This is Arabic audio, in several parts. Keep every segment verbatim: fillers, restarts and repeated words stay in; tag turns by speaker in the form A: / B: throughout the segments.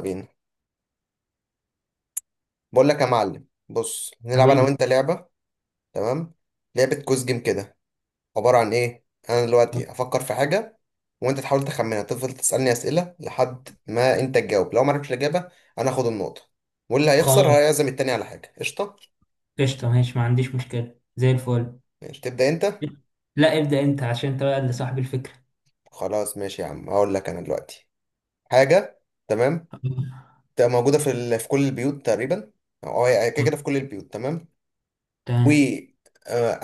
A: بينا. بقول لك يا معلم، بص نلعب انا
B: حبيبي.
A: وانت لعبه. تمام. لعبه كوز جيم كده. عباره عن ايه؟ انا دلوقتي افكر في حاجه وانت تحاول تخمنها. تفضل تسالني اسئله لحد ما انت تجاوب. لو ما عرفتش الاجابه انا اخد النقطه، واللي هيخسر
B: خلاص،
A: هيعزم التاني على حاجه قشطه.
B: قشطة، ماشي، ما عنديش مشكلة زي الفل.
A: ماشي، تبدا انت.
B: لا، ابدأ انت عشان انت بقى اللي صاحب الفكرة.
A: خلاص ماشي يا عم، هقول لك انا دلوقتي حاجه. تمام.
B: آه،
A: تبقى موجوده في ال... في كل البيوت تقريبا، او هي هي كده كده في كل البيوت. تمام. و
B: تمام.
A: آه،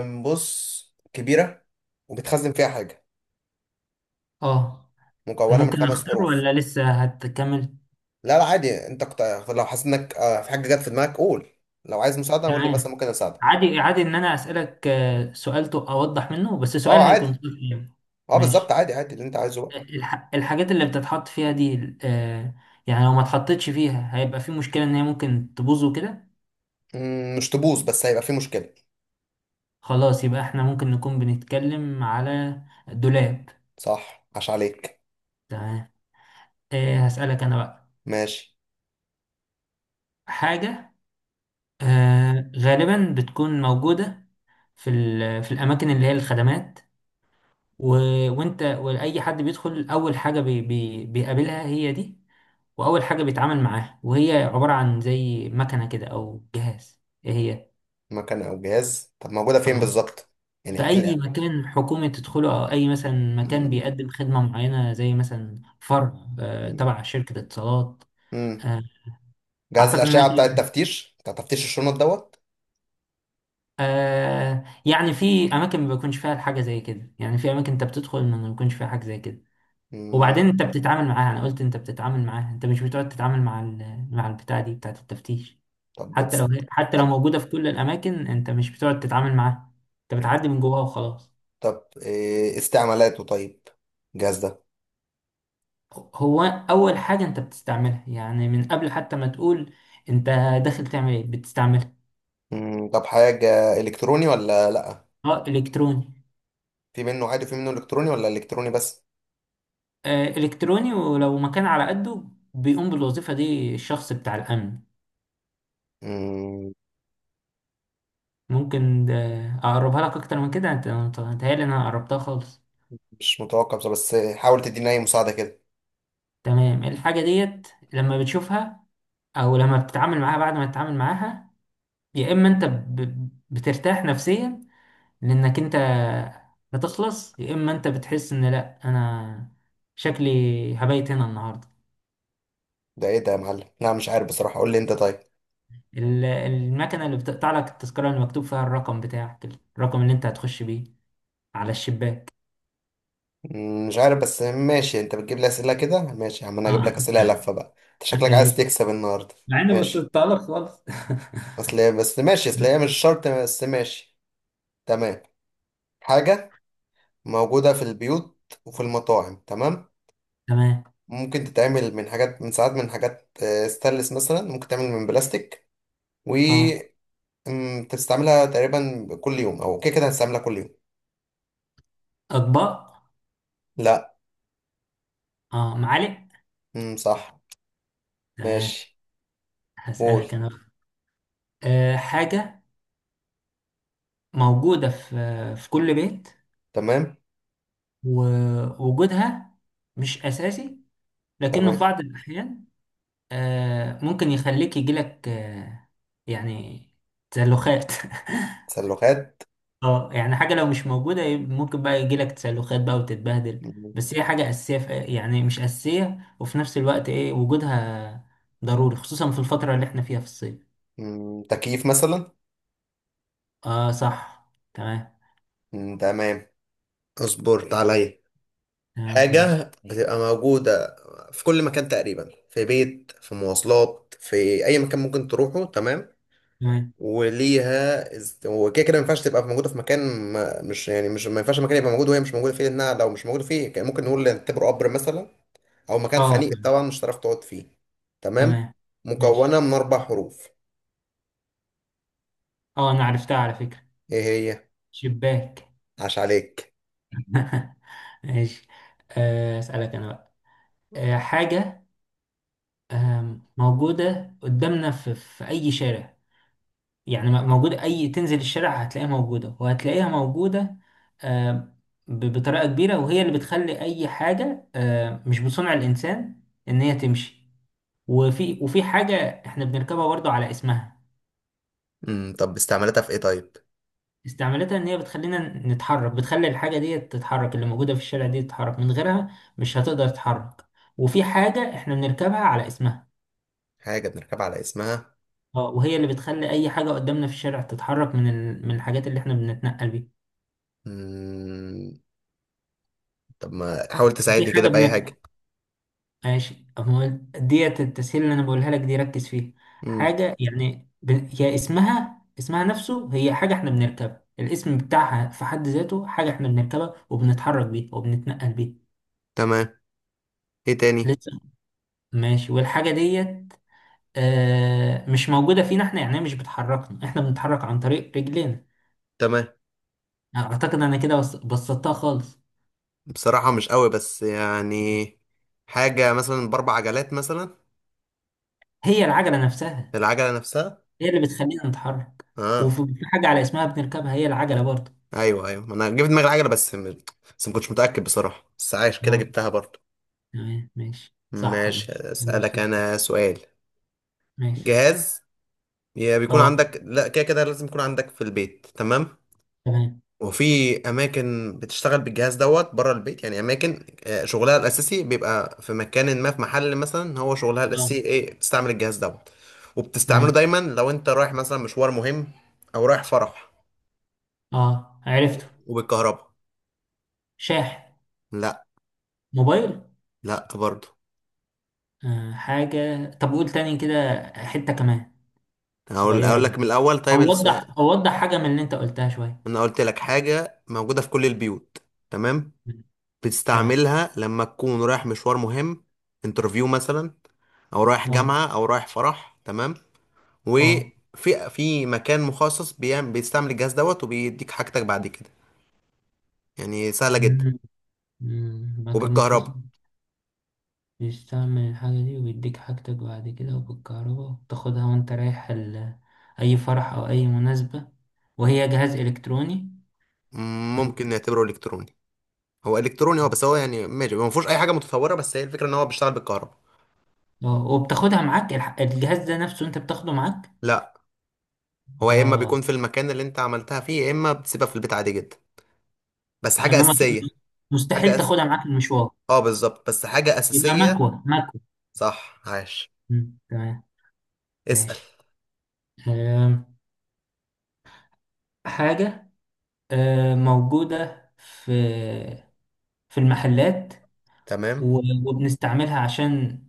A: آم، بص، كبيره وبتخزن فيها حاجه،
B: اه،
A: مكونة من
B: ممكن
A: خمس
B: اختار
A: حروف.
B: ولا لسه هتكمل؟
A: لا لا عادي، انت كت... لو حاسس انك آه، في حاجة جت في دماغك قول، لو عايز مساعدة قول لي، مثلا
B: تمام.
A: ممكن اساعدك.
B: عادي عادي ان انا اسألك آه، سؤال تو- اوضح منه، بس سؤال
A: اه عادي.
B: هيكون دقيق يعني.
A: اه بالظبط،
B: ماشي.
A: عادي عادي اللي انت عايزه بقى.
B: الح... الحاجات اللي بتتحط فيها دي، آه، يعني لو ما اتحطتش فيها هيبقى في مشكلة ان هي ممكن تبوظ وكده.
A: مم، مش تبوظ بس هيبقى في مشكلة.
B: خلاص، يبقى احنا ممكن نكون بنتكلم على الدولاب.
A: صح، عاش عليك.
B: تمام. آه، هسألك أنا بقى
A: ماشي.
B: حاجة. آه، غالبا بتكون موجودة في ال- في الأماكن اللي هي الخدمات، و... وأنت وأي حد بيدخل أول حاجة بي... بي... بيقابلها هي دي. وأول حاجة بيتعامل معاها، وهي عبارة عن زي مكنة كده أو جهاز. إيه هي؟
A: مكان او جهاز؟ طب موجودة فين
B: آه.
A: بالظبط؟ يعني
B: في
A: احكي لي.
B: أي مكان حكومي تدخله، أو أي مثلا مكان
A: مم،
B: بيقدم خدمة معينة زي مثلا فرع آه،
A: مم،
B: تبع شركة اتصالات.
A: مم.
B: آه،
A: جهاز
B: أعتقد إنها
A: الأشعة بتاع التفتيش، بتاع تفتيش الشنط دوت.
B: آه يعني في اماكن ما بيكونش فيها الحاجه زي كده، يعني في اماكن انت بتدخل ما ما بيكونش فيها حاجه زي كده. وبعدين
A: مم،
B: انت بتتعامل معاها، انا قلت انت بتتعامل معاها، انت مش بتقعد تتعامل مع ال- مع البتاع دي بتاعه التفتيش.
A: طب
B: حتى لو
A: بتس...
B: هي حتى لو
A: طب
B: موجوده في كل الاماكن، انت مش بتقعد تتعامل معاها. انت بتعدي من جواها وخلاص.
A: طب إيه استعمالاته طيب، الجهاز ده؟
B: هو اول حاجه انت بتستعملها، يعني من قبل حتى ما تقول انت داخل تعمل ايه بتستعملها.
A: مم، طب حاجة إلكتروني ولا لأ؟
B: اه، الكتروني.
A: في منه عادي وفي منه إلكتروني، ولا إلكتروني بس؟
B: آه، الكتروني، ولو مكان على قده بيقوم بالوظيفه دي الشخص بتاع الامن.
A: مم،
B: ممكن ده اقربها لك اكتر من كده، انت انت متهيألي ان انا قربتها خالص.
A: مش متوقع بصراحة، بس حاول تديني أي مساعدة كده.
B: تمام. إيه الحاجه ديت لما بتشوفها، او لما بتتعامل معاها بعد ما تتعامل معاها؟ يا اما انت ب... بترتاح نفسيا لانك انت هتخلص، يا اما انت بتحس ان لا انا شكلي هبيت هنا النهارده.
A: ده إيه ده يا معلم؟ لا مش عارف بصراحة، قول لي أنت طيب.
B: ال- المكنه اللي بتقطع لك التذكره اللي مكتوب فيها الرقم بتاعك، الرقم اللي انت هتخش بيه على الشباك.
A: مم، مش عارف بس ماشي. أنت بتجيب لي أسئلة كده، ماشي يا عم، أنا هجيب لك
B: اه.
A: أسئلة لفة بقى. أنت شكلك عايز تكسب النهاردة.
B: مع اني
A: ماشي،
B: بصيت لك خالص.
A: أصل هي- بس ماشي، أصل هي مش شرط، بس ماشي. تمام. حاجة موجودة في البيوت وفي المطاعم، تمام؟
B: تمام.
A: ممكن تتعمل من حاجات، من ساعات من حاجات آه، ستانلس، مثلا ممكن تعمل من بلاستيك.
B: اه،
A: وتستعملها تقريبا كل يوم، او كده كده هتستعملها كل يوم.
B: اطباق.
A: لا.
B: اه، معالق.
A: امم، صح.
B: تمام.
A: ماشي. قول.
B: هسألك انا بقى. آه حاجة موجودة في في كل بيت،
A: تمام.
B: ووجودها مش أساسي، لكنه في
A: تمام.
B: بعض الأحيان آه ممكن يخليك يجيلك آه يعني تسلخات.
A: سلوخات.
B: اه، يعني حاجة لو مش موجودة يب- ممكن بقى يجيلك تسلخات بقى وتتبهدل.
A: مم.
B: بس هي حاجة أساسية في، يعني مش أساسية وفي نفس الوقت إيه وجودها ضروري، خصوصا في الفترة اللي احنا فيها في الصيف.
A: مم، تكييف مثلا.
B: اه، صح. تمام.
A: مم، تمام. اصبرت عليا.
B: تمام،
A: حاجة
B: ماشي.
A: بتبقى موجودة في كل مكان تقريبا، في بيت، في مواصلات، في أي مكان ممكن تروحه، تمام.
B: تمام.
A: وليها است- وكده كده ما ينفعش تبقى موجودة في مكان ما. مش يعني مش ما ينفعش المكان يبقى موجود وهي مش موجودة فيه، لأنها لو مش موجودة فيه كان ممكن نقول نعتبره قبر مثلا، او مكان
B: اه،
A: خنيق
B: تمام.
A: طبعا مش هتعرف تقعد فيه. تمام.
B: تمام. ماشي.
A: مكونه من اربع حروف.
B: اه، انا عرفتها على فكرة.
A: ايه هي؟
B: شباك.
A: عاش عليك.
B: ماشي. آه، اسألك انا بقى. آه، حاجة آم، موجودة قدامنا في, في اي شارع. يعني م- موجودة، اي تنزل الشارع هتلاقيها موجودة وهتلاقيها موجودة آم، ب- بطريقة كبيرة، وهي اللي بتخلي اي حاجة آم، مش بصنع الانسان ان هي تمشي. وفي وفي حاجة احنا بنركبها برضو على اسمها.
A: امم، طب استعملتها في ايه طيب؟
B: استعمالتها ان هي بتخلينا نتحرك، بتخلي الحاجه دي تتحرك، اللي موجوده في الشارع دي تتحرك، من غيرها مش هتقدر تتحرك. وفي حاجه احنا بنركبها على اسمها.
A: حاجه بنركب على اسمها؟
B: اه، وهي اللي بتخلي اي حاجه قدامنا في الشارع تتحرك من ال... من الحاجات اللي احنا بنتنقل بيها.
A: مم. طب ما حاول
B: وفي
A: تساعدني كده
B: حاجه
A: باي
B: بن...
A: حاجه.
B: ماشي، أما ديت التسهيل اللي انا بقولها لك دي، ركز فيها
A: امم.
B: حاجه يعني ب... هي اسمها اسمها نفسه، هي حاجه احنا بنركبها، الاسم بتاعها في حد ذاته حاجه احنا بنركبها وبنتحرك بيها وبنتنقل بيها.
A: تمام. ايه تاني؟
B: لسه، ماشي. والحاجه ديت آه، مش موجودة فينا احنا، يعني هي مش بتحركنا، احنا بنتحرك عن طريق رجلينا.
A: تمام.
B: يعني اعتقد انا كده بس- بسطتها خالص.
A: بصراحة مش قوي، بس يعني حاجة مثلا بأربع عجلات مثلا؟
B: هي العجلة نفسها،
A: العجله نفسها؟
B: هي اللي بتخلينا نتحرك،
A: اه.
B: وفي في حاجة على اسمها بنركبها هي العجلة برضه.
A: ايوه ايوه، ما انا جبت دماغي العجلة، بس م... بس ما كنتش متأكد بصراحة، بس عايش كده
B: اه،
A: جبتها برضه.
B: تمام. ماشي، صح يا
A: ماشي،
B: باشا.
A: اسألك
B: ماشي.
A: انا سؤال.
B: ماشي.
A: جهاز يا بيكون
B: اه،
A: عندك، لا كده كده لازم يكون عندك في البيت، تمام.
B: تمام.
A: وفي اماكن بتشتغل بالجهاز دوت بره البيت، يعني اماكن آه، شغلها الاساسي بيبقى في مكان ما، في محل مثلا، هو شغلها
B: اه،
A: الاساسي ايه؟ بتستعمل الجهاز دوت. وبتستعمله
B: تمام.
A: دايما لو انت رايح مثلا مشوار مهم، او رايح فرح.
B: اه، عرفته.
A: وبالكهرباء.
B: شاحن.
A: لا.
B: موبايل.
A: لا برضه.
B: آه حاجة؟ طب قول تاني كده حتة كمان
A: هقول،
B: صغيرة
A: اقول
B: بس.
A: لك من الاول طيب السؤال.
B: أوضح أوضح حاجة من اللي أنت قلتها شوية.
A: انا قلت لك حاجه موجوده في كل البيوت، تمام.
B: تمام.
A: بتستعملها لما تكون رايح مشوار مهم، انترفيو مثلا، او رايح
B: اه.
A: جامعة او رايح فرح، تمام.
B: اه.
A: وفي في مكان مخصص بيعمل بيستعمل الجهاز دوت وبيديك حاجتك بعد كده. يعني سهلة جدا.
B: مم. مم، ما كان مخصص
A: وبالكهرباء.
B: بيستعمل الحاجة دي ويديك حاجتك بعد كده وبالكهرباء، وتاخدها وانت رايح ال... أي فرح أو أي مناسبة، وهي جهاز إلكتروني.
A: مم،
B: مم.
A: ممكن نعتبره الكتروني. هو الكتروني هو، بس هو يعني ماشي، ما فيهوش اي حاجة متطورة، بس هي الفكرة ان هو بيشتغل بالكهرباء.
B: اه، وبتاخدها معاك الح- الجهاز ده نفسه، انت بتاخده معاك.
A: لا. هو يا اما
B: اه،
A: بيكون في المكان اللي انت عملتها فيه، يا اما بتسيبها في البيت عادي جدا، بس حاجة
B: انما
A: أساسية. حاجة
B: مستحيل
A: أس...
B: تاخدها معاك المشوار.
A: اه بالظبط، بس حاجة
B: يبقى
A: أساسية.
B: مكوة، مكوة.
A: صح، عاش.
B: مم. تمام.
A: اسأل.
B: ماشي. آم، حاجة آم، موجودة في في المحلات،
A: تمام.
B: و- وبنستعملها عشان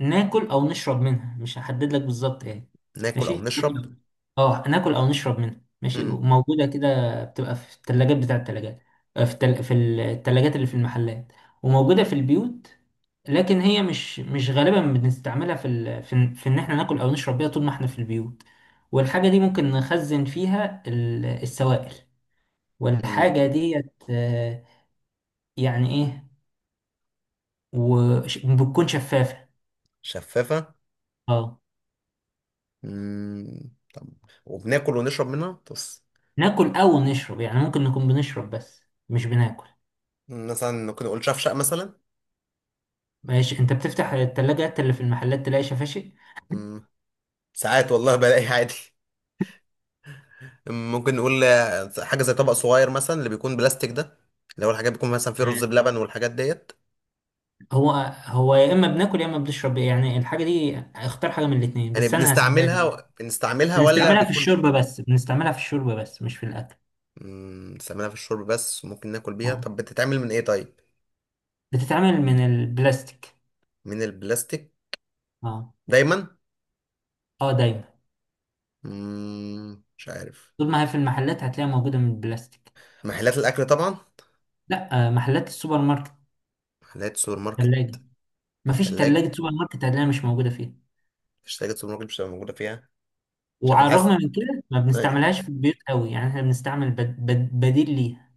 B: ناكل او نشرب منها، مش هحدد لك بالظبط ايه.
A: ناكل او
B: ماشي،
A: نشرب.
B: ناكل. اه، ناكل او نشرب منها. ماشي،
A: امم.
B: موجوده كده، بتبقى في الثلاجات بتاع الثلاجات. في التل... في الثلاجات اللي في المحلات، وموجوده في البيوت. لكن هي مش مش غالبا بنستعملها في ال... في, إن- في ان احنا ناكل او نشرب بيها طول ما احنا في البيوت. والحاجه دي ممكن نخزن فيها ال- السوائل.
A: مم.
B: والحاجه ديت آه، يعني ايه. وبتكون شفافه.
A: شفافة.
B: اه،
A: مم. طب، وبناكل ونشرب منها بس؟
B: ناكل او نشرب، يعني ممكن نكون بنشرب بس مش بناكل.
A: مثلا ممكن نقول شفشق مثلا؟
B: ماشي، انت بتفتح التلاجات اللي في المحلات تلاقي شفاشي.
A: مم. ساعات والله بلاقي عادي. ممكن نقول آه، حاجة زي طبق صغير مثلا، اللي بيكون بلاستيك ده، اللي هو الحاجات بيكون مثلا فيه رز
B: آه،
A: بلبن والحاجات ديت.
B: هو هو يا اما بناكل يا اما بنشرب، يعني الحاجه دي اختار حاجه من الاثنين
A: يعني
B: بس انا هسألها لك.
A: بنستعملها بنستعملها ولا
B: بنستعملها في
A: بيكون؟
B: الشرب بس، بنستعملها في الشرب بس مش في الاكل.
A: مم، بنستعملها في الشرب بس وممكن ناكل بيها؟
B: اه،
A: طب بتتعمل من ايه طيب؟
B: بتتعمل من البلاستيك.
A: من البلاستيك؟
B: اه.
A: دايما؟
B: اه، دايما.
A: مم، مش عارف.
B: طول ما هي في المحلات هتلاقيها موجوده من البلاستيك.
A: محلات الاكل طبعا؟
B: لا، آه، محلات السوبر ماركت.
A: محلات سوبر ماركت؟
B: ثلاجه.
A: في
B: مفيش
A: التلاجة.
B: ثلاجه سوبر ماركت هتلاقيها مش موجوده فيها.
A: مفيش تلاجة سوبر ماركت مش هتبقى موجودة فيها. مش عارف
B: وعلى
A: نحس.
B: الرغم من كده ما
A: أيوة.
B: بنستعملهاش في البيوت قوي، يعني احنا بنستعمل بد بد بديل ليها.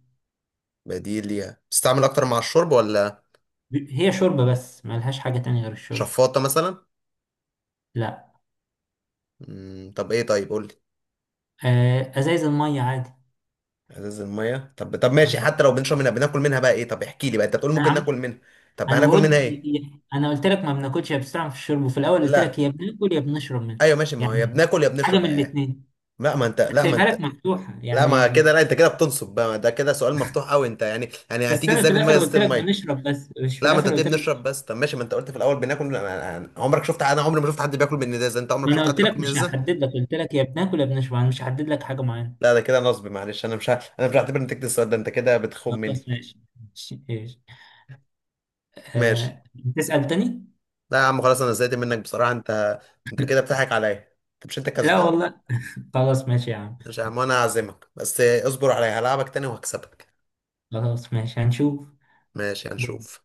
A: بديل ليها؟ بتستعمل أكتر مع الشرب ولا؟
B: ب- هي شوربة بس ما لهاش حاجة تانية غير الشوربة.
A: شفاطة مثلا؟
B: لا،
A: مم. طب إيه طيب قول لي.
B: آه، ازايز المية عادي.
A: ازاز المية؟ طب طب ماشي،
B: آه.
A: حتى لو بنشرب منها بناكل منها بقى إيه؟ طب احكي لي بقى، أنت بتقول
B: انا
A: ممكن ناكل
B: عم
A: منها، طب
B: انا
A: هناكل
B: بقول
A: منها
B: ي-
A: إيه؟
B: ي- انا قلت لك ما بناكلش، يا بنستعمل في الشرب، وفي الاول قلت لك
A: لا.
B: يا بناكل يا بنشرب منها.
A: أيوة ماشي، ما هو يا
B: يعني
A: بناكل يا
B: حاجة
A: بنشرب،
B: من
A: بقى إيه؟
B: الاتنين،
A: لا ما انت،
B: كان
A: لا ما
B: سايبها
A: انت.
B: لك مفتوحة
A: لا ما
B: يعني.
A: كده، لا انت كده بتنصب بقى، ده كده سؤال مفتوح قوي انت، يعني يعني
B: بس
A: هتيجي
B: انا في
A: ازاي في دماغ
B: الاخر قلت
A: ازازه
B: لك
A: الميه؟
B: بنشرب بس، مش في
A: لا ما انت
B: الاخر
A: ليه
B: قلت لك.
A: بنشرب بس؟ طب ماشي، ما انت قلت في الاول بناكل. انا انا- عمرك شفت، انا عمري ما شفت حد بياكل من ازازه، انت عمرك
B: ما انا
A: شفت حد
B: قلت لك
A: بياكل من
B: مش
A: ازازه؟
B: هحدد لك، قلت لك يا بناكل يا بنشرب، انا مش هحدد لك حاجة معينة.
A: لا ده كده نصب، معلش انا مش ه... انا مش هعتبر نتيجه السؤال ده، انت كده بتخون مني.
B: خلاص، ماشي. ماشي.
A: ماشي.
B: آه، تسأل تاني؟
A: لا يا عم خلاص، انا زهقت منك بصراحه. انت، انت كده بتضحك عليا. انت مش انت
B: لا
A: كسبان.
B: والله. خلاص ماشي يا عم.
A: مش يا عم، انا هعزمك، بس اصبر عليا هلعبك تاني وهكسبك.
B: خلاص، ماشي، هنشوف.
A: ماشي هنشوف.